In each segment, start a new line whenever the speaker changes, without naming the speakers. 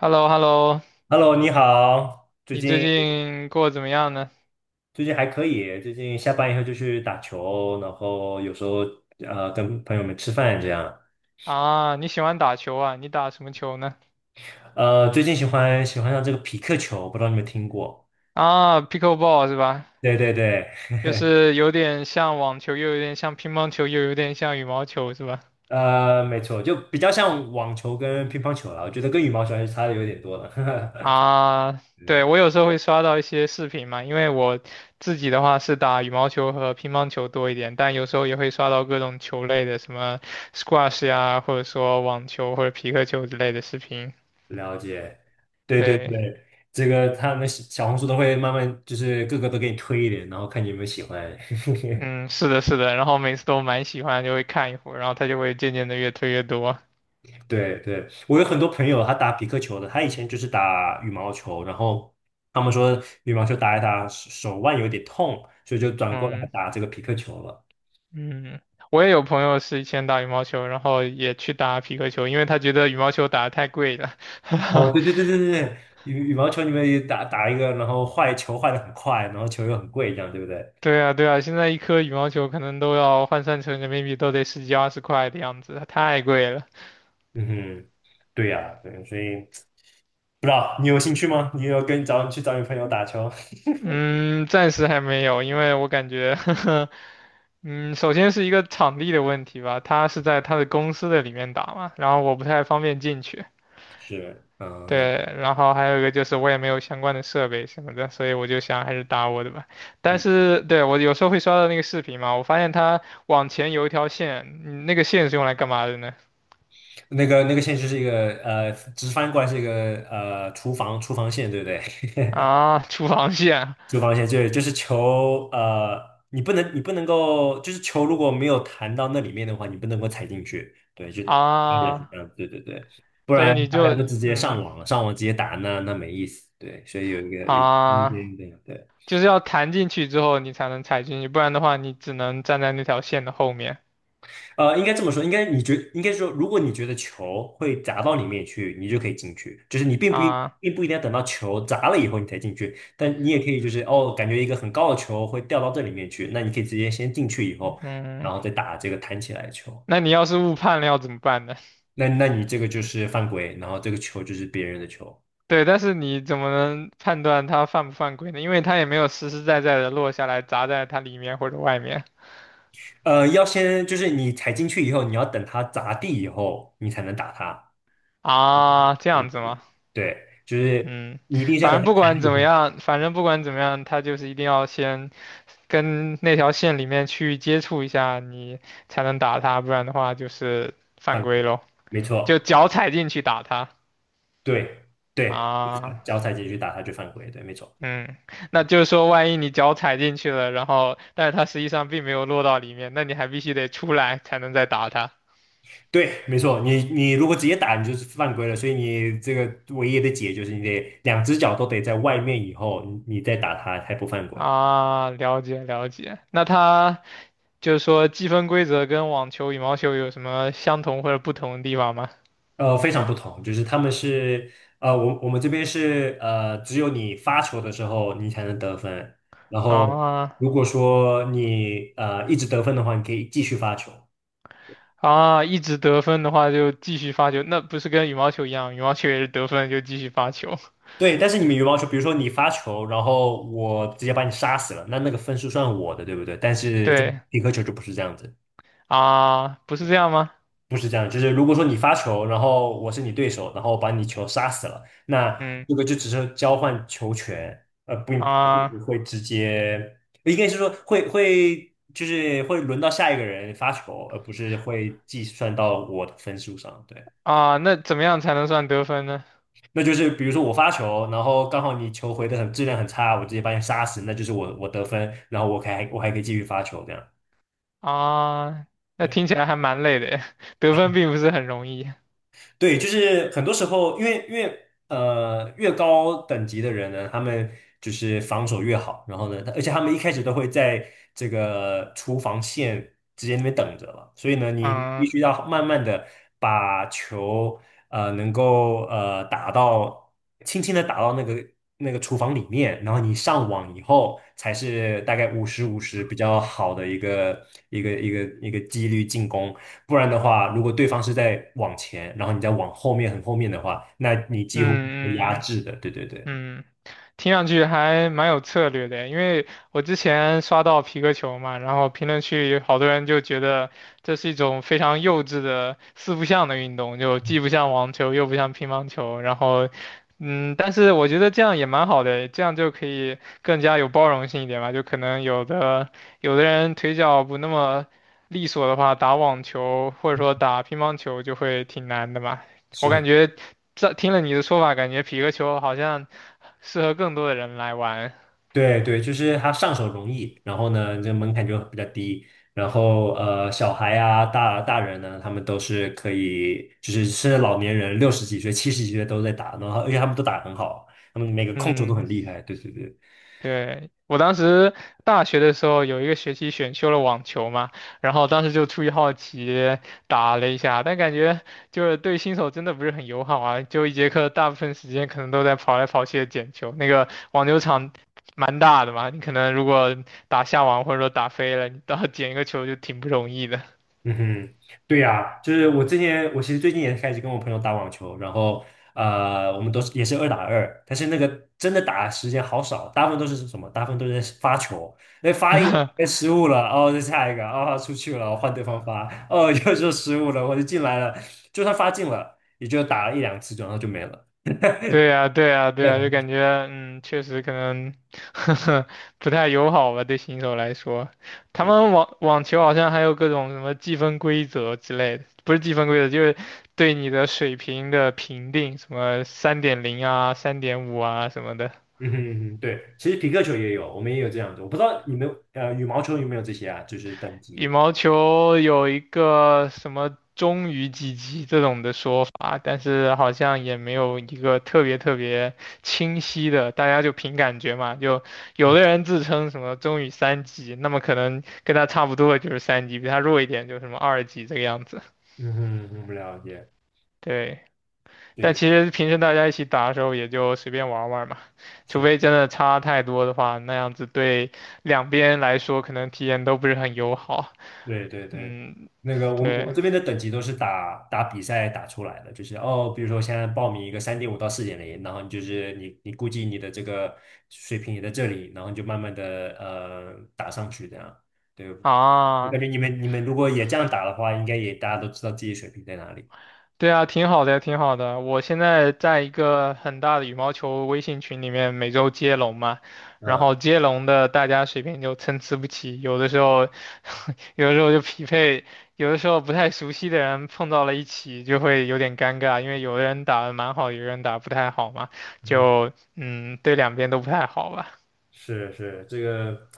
h e l l o h e l l o
Hello，你好，最
你最
近
近过得怎么样呢？
最近还可以，最近下班以后就去打球，然后有时候跟朋友们吃饭这样。
啊，你喜欢打球啊？你打什么球呢？
最近喜欢上这个匹克球，不知道你们听过？
啊，pickleball 是吧？
对对对，
就是有点像网球，又有点像乒乓球，又有点像羽毛球是吧？
没错，就比较像网球跟乒乓球了，我觉得跟羽毛球还是差的有点多了。
啊，对，
对，
我有时候会刷到一些视频嘛，因为我自己的话是打羽毛球和乒乓球多一点，但有时候也会刷到各种球类的，什么 squash 呀，或者说网球或者皮克球之类的视频。
了解，对对
对。
对，这个他们小红书都会慢慢就是各个都给你推一点，然后看你有没有喜欢。
嗯，是的，是的，然后每次都蛮喜欢，就会看一会儿，然后他就会渐渐的越推越多。
对对，我有很多朋友，他打匹克球的，他以前就是打羽毛球，然后他们说羽毛球打一打手腕有点痛，所以就转过来
嗯
打这个匹克球了。
嗯，我也有朋友是以前打羽毛球，然后也去打匹克球，因为他觉得羽毛球打的太贵了。
哦，对对对对对，羽毛球你们也打打一个，然后坏球坏的很快，然后球又很贵，这样对不对？
对啊，对啊，现在一颗羽毛球可能都要换算成人民币都得十几二十块的样子，太贵了。
嗯哼，对呀、对，所以不知道你有兴趣吗？你有跟找你去找你朋友打球？
嗯，暂时还没有，因为我感觉，嗯，首先是一个场地的问题吧，他是在他的公司的里面打嘛，然后我不太方便进去。
是，嗯，了
对，然后还有一个就是我也没有相关的设备什么的，所以我就想还是打我的吧。但
嗯，
是对我有时候会刷到那个视频嘛，我发现它往前有一条线，嗯那个线是用来干嘛的呢？
那个线就是一个直翻过来是一个厨房线，对不对？
啊，厨房线
就防线对，就是球，你不能够，就是球如果没有弹到那里面的话，你不能够踩进去，对，就对，是
啊，
这样，对对对，不
所以
然
你
大家
就
都直接
嗯
上网了，上网直接打那没意思，对，所以有一个有空
啊，
间这样对。
就是要弹进去之后你才能踩进去，不然的话你只能站在那条线的后面
应该这么说，应该说，如果你觉得球会砸到里面去，你就可以进去，就是你
啊。
并不一定要等到球砸了以后你才进去，但你也可以就是哦，感觉一个很高的球会掉到这里面去，那你可以直接先进去以后，然
嗯，
后再打这个弹起来的球，
那你要是误判了要怎么办呢？
那你这个就是犯规，然后这个球就是别人的球，
对，但是你怎么能判断它犯不犯规呢？因为它也没有实实在在的落下来砸在它里面或者外面
要先就是你踩进去以后，你要等它砸地以后，你才能打它，
啊，这
嗯
样子吗？
对，就是
嗯，
你一定是要
反
等
正不
它弹了
管怎
以
么
后
样，反正不管怎么样，它就是一定要先跟那条线里面去接触一下，你才能打它，不然的话就是犯
犯
规
规，
咯，
没
就
错。
脚踩进去打它
对对，
啊。
脚踩进去打他就犯规，对，没错，
嗯，那就是说，万一你脚踩进去了，然后但是它实际上并没有落到里面，那你还必须得出来才能再打它。
对，没错。你如果直接打，你就是犯规了，所以你这个唯一的解就是你得两只脚都得在外面以后，你再打他才不犯规。
啊，了解了解。那它就是说积分规则跟网球、羽毛球有什么相同或者不同的地方吗？
非常不同，就是他们是呃，我们这边是只有你发球的时候你才能得分，然后
啊
如果说你一直得分的话，你可以继续发球。
啊，一直得分的话就继续发球，那不是跟羽毛球一样，羽毛球也是得分就继续发球。
对，但是你们羽毛球，比如说你发球，然后我直接把你杀死了，那个分数算我的，对不对？但 是在
对
匹克球就不是这样子，
啊，不是这样吗？
不是这样，就是如果说你发球，然后我是你对手，然后把你球杀死了，那这
嗯
个就只是交换球权，不
啊
不会直接，应该是说会就是会轮到下一个人发球，而不是会计算到我的分数上，对。
啊，那怎么样才能算得分呢？
那就是比如说我发球，然后刚好你球回的很质量很差，我直接把你杀死，那就是我得分，然后我还可以继续发球这样。
啊，那听
对。
起来还蛮累的耶，得分并不是很容易。
对，就是很多时候，因为越高等级的人呢，他们就是防守越好，然后呢，而且他们一开始都会在这个厨房线直接那边等着了，所以呢，你必
嗯
须要慢慢的把球能够打到轻轻的打到那个厨房里面，然后你上网以后才是大概五十五十比较好的一个几率进攻。不然的话，如果对方是在往前，然后你再往后面很后面的话，那你几乎被压
嗯嗯。嗯
制的。对对对，
嗯，听上去还蛮有策略的，因为我之前刷到皮克球嘛，然后评论区好多人就觉得这是一种非常幼稚的四不像的运动，就既不像网球，又不像乒乓球，然后，嗯，但是我觉得这样也蛮好的，这样就可以更加有包容性一点吧，就可能有的人腿脚不那么利索的话，打网球或者说打乒乓球就会挺难的嘛，我感
是，
觉。这听了你的说法，感觉皮克球好像。适合更多的人来玩。
对对，就是他上手容易，然后呢，这门槛就比较低。然后小孩啊，大人呢，他们都是可以，就是甚至老年人六十几岁、七十几岁都在打，然后而且他们都打得很好，他们每个控球都
嗯，
很厉害。对对对。
对，我当时大学的时候有一个学期选修了网球嘛，然后当时就出于好奇打了一下，但感觉就是对新手真的不是很友好啊，就一节课大部分时间可能都在跑来跑去的捡球，那个网球场蛮大的嘛，你可能如果打下网或者说打飞了，你到捡一个球就挺不容易的。
嗯哼，对呀，就是我之前，我其实最近也开始跟我朋友打网球，然后我们都是也是二打二，但是那个真的打的时间好少，大部分都是什么？大部分都是在发球，那发一个哎 失误了，哦，再下一个，哦，出去了，换对方发，哦，又失误了，我就进来了，就算发进了，也就打了一两次，然后就没了。
对呀，对呀，对
也
呀，
很
就感觉嗯，确实可能 不太友好吧，对新手来说。他
是，
们网球好像还有各种什么计分规则之类的，不是计分规则，就是对你的水平的评定，什么3.0啊、3.5啊什么的。
嗯哼嗯哼，对，其实皮克球也有，我们也有这样子，我不知道你们羽毛球有没有这些啊，就是等
羽
级。
毛球有一个什么“中于几级”这种的说法，但是好像也没有一个特别特别清晰的，大家就凭感觉嘛。就有的人自称什么“中于三级”，那么可能跟他差不多的就是三级，比他弱一点就是什么2级这个样子。
嗯哼，我们了解。
对，但
对。
其实平时大家一起打的时候也就随便玩玩嘛，除
是，
非真的差太多的话，那样子对两边来说可能体验都不是很友好。
对对对，
嗯，
那个我们
对。
这边的等级都是打打比赛打出来的，就是哦，比如说现在报名一个3.5到4.0，然后你就是你估计你的这个水平也在这里，然后你就慢慢的打上去这样。对，我感
啊，
觉你们如果也这样打的话，应该也大家都知道自己水平在哪里。
对啊，挺好的，挺好的。我现在在一个很大的羽毛球微信群里面，每周接龙嘛，然后
嗯
接龙的大家水平就参差不齐，有的时候，有的时候就匹配，有的时候不太熟悉的人碰到了一起，就会有点尴尬，因为有的人打的蛮好，有的人打得不太好嘛，就嗯，对两边都不太好吧。
是是，这个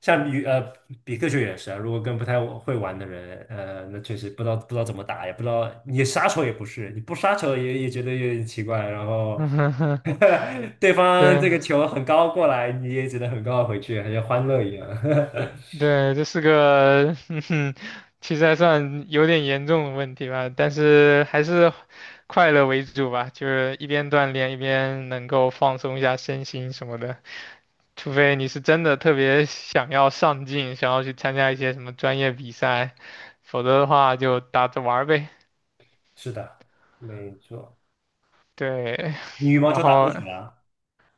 像比克球也是啊，如果跟不太会玩的人，那确实不知道怎么打，也不知道你杀球也不是，你不杀球也觉得有点奇怪，然后 对方
对，
这个球很高过来，你也只能很高的回去，好像欢乐一样。
对，这是个，嗯哼，其实还算有点严重的问题吧，但是还是快乐为主吧，就是一边锻炼一边能够放松一下身心什么的。除非你是真的特别想要上进，想要去参加一些什么专业比赛，否则的话就打着玩儿呗。
是的，没错。
对，
你羽 毛
然
球打多
后
久了啊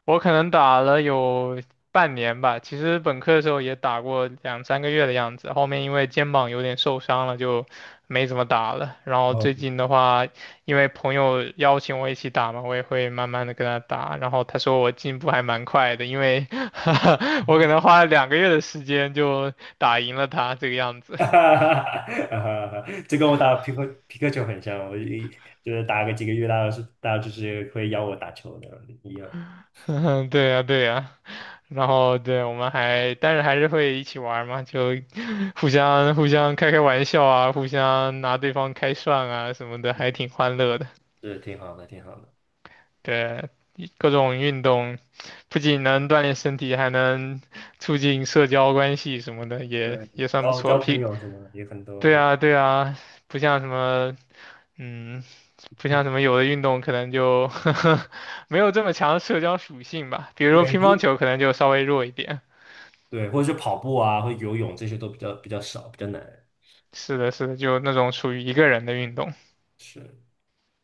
我可能打了有半年吧，其实本科的时候也打过两三个月的样子，后面因为肩膀有点受伤了，就没怎么打了。然后
哦，
最近的话，因为朋友邀请我一起打嘛，我也会慢慢的跟他打。然后他说我进步还蛮快的，因为 我可能花了2个月的时间就打赢了他这个样 子。
哈哈哈，这跟我打皮克球很像，我就是打个几个月，大家就是会邀我打球的，一样，
对呀，对呀。然后对，我们还，但是还是会一起玩嘛，就互相开开玩笑啊，互相拿对方开涮啊什么的，还挺欢乐的。
是挺好的，挺好的。
对，各种运动不仅能锻炼身体，还能促进社交关系什么的，
对，
也算
然
不
后
错。
交朋友什么的也很多，
对啊对啊，不像什么，嗯，不像什么有的运动可能就 没有这么强的社交属性吧。比如说
对，
乒乓
只
球可能就稍微弱一点。
对，或者是跑步啊，或者游泳这些都比较少，比较难。
是的，是的，就那种属于一个人的运动。
是，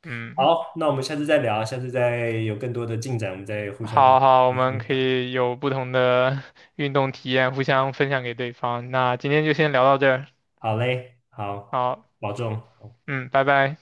嗯
好，那我们下次再聊，下次再有更多的进展，我们再互相
好好，我们
分
可
享。
以有不同的 运动体验，互相分享给对方。那今天就先聊到这儿，
好嘞，好，
好，
保重。好
嗯，拜拜。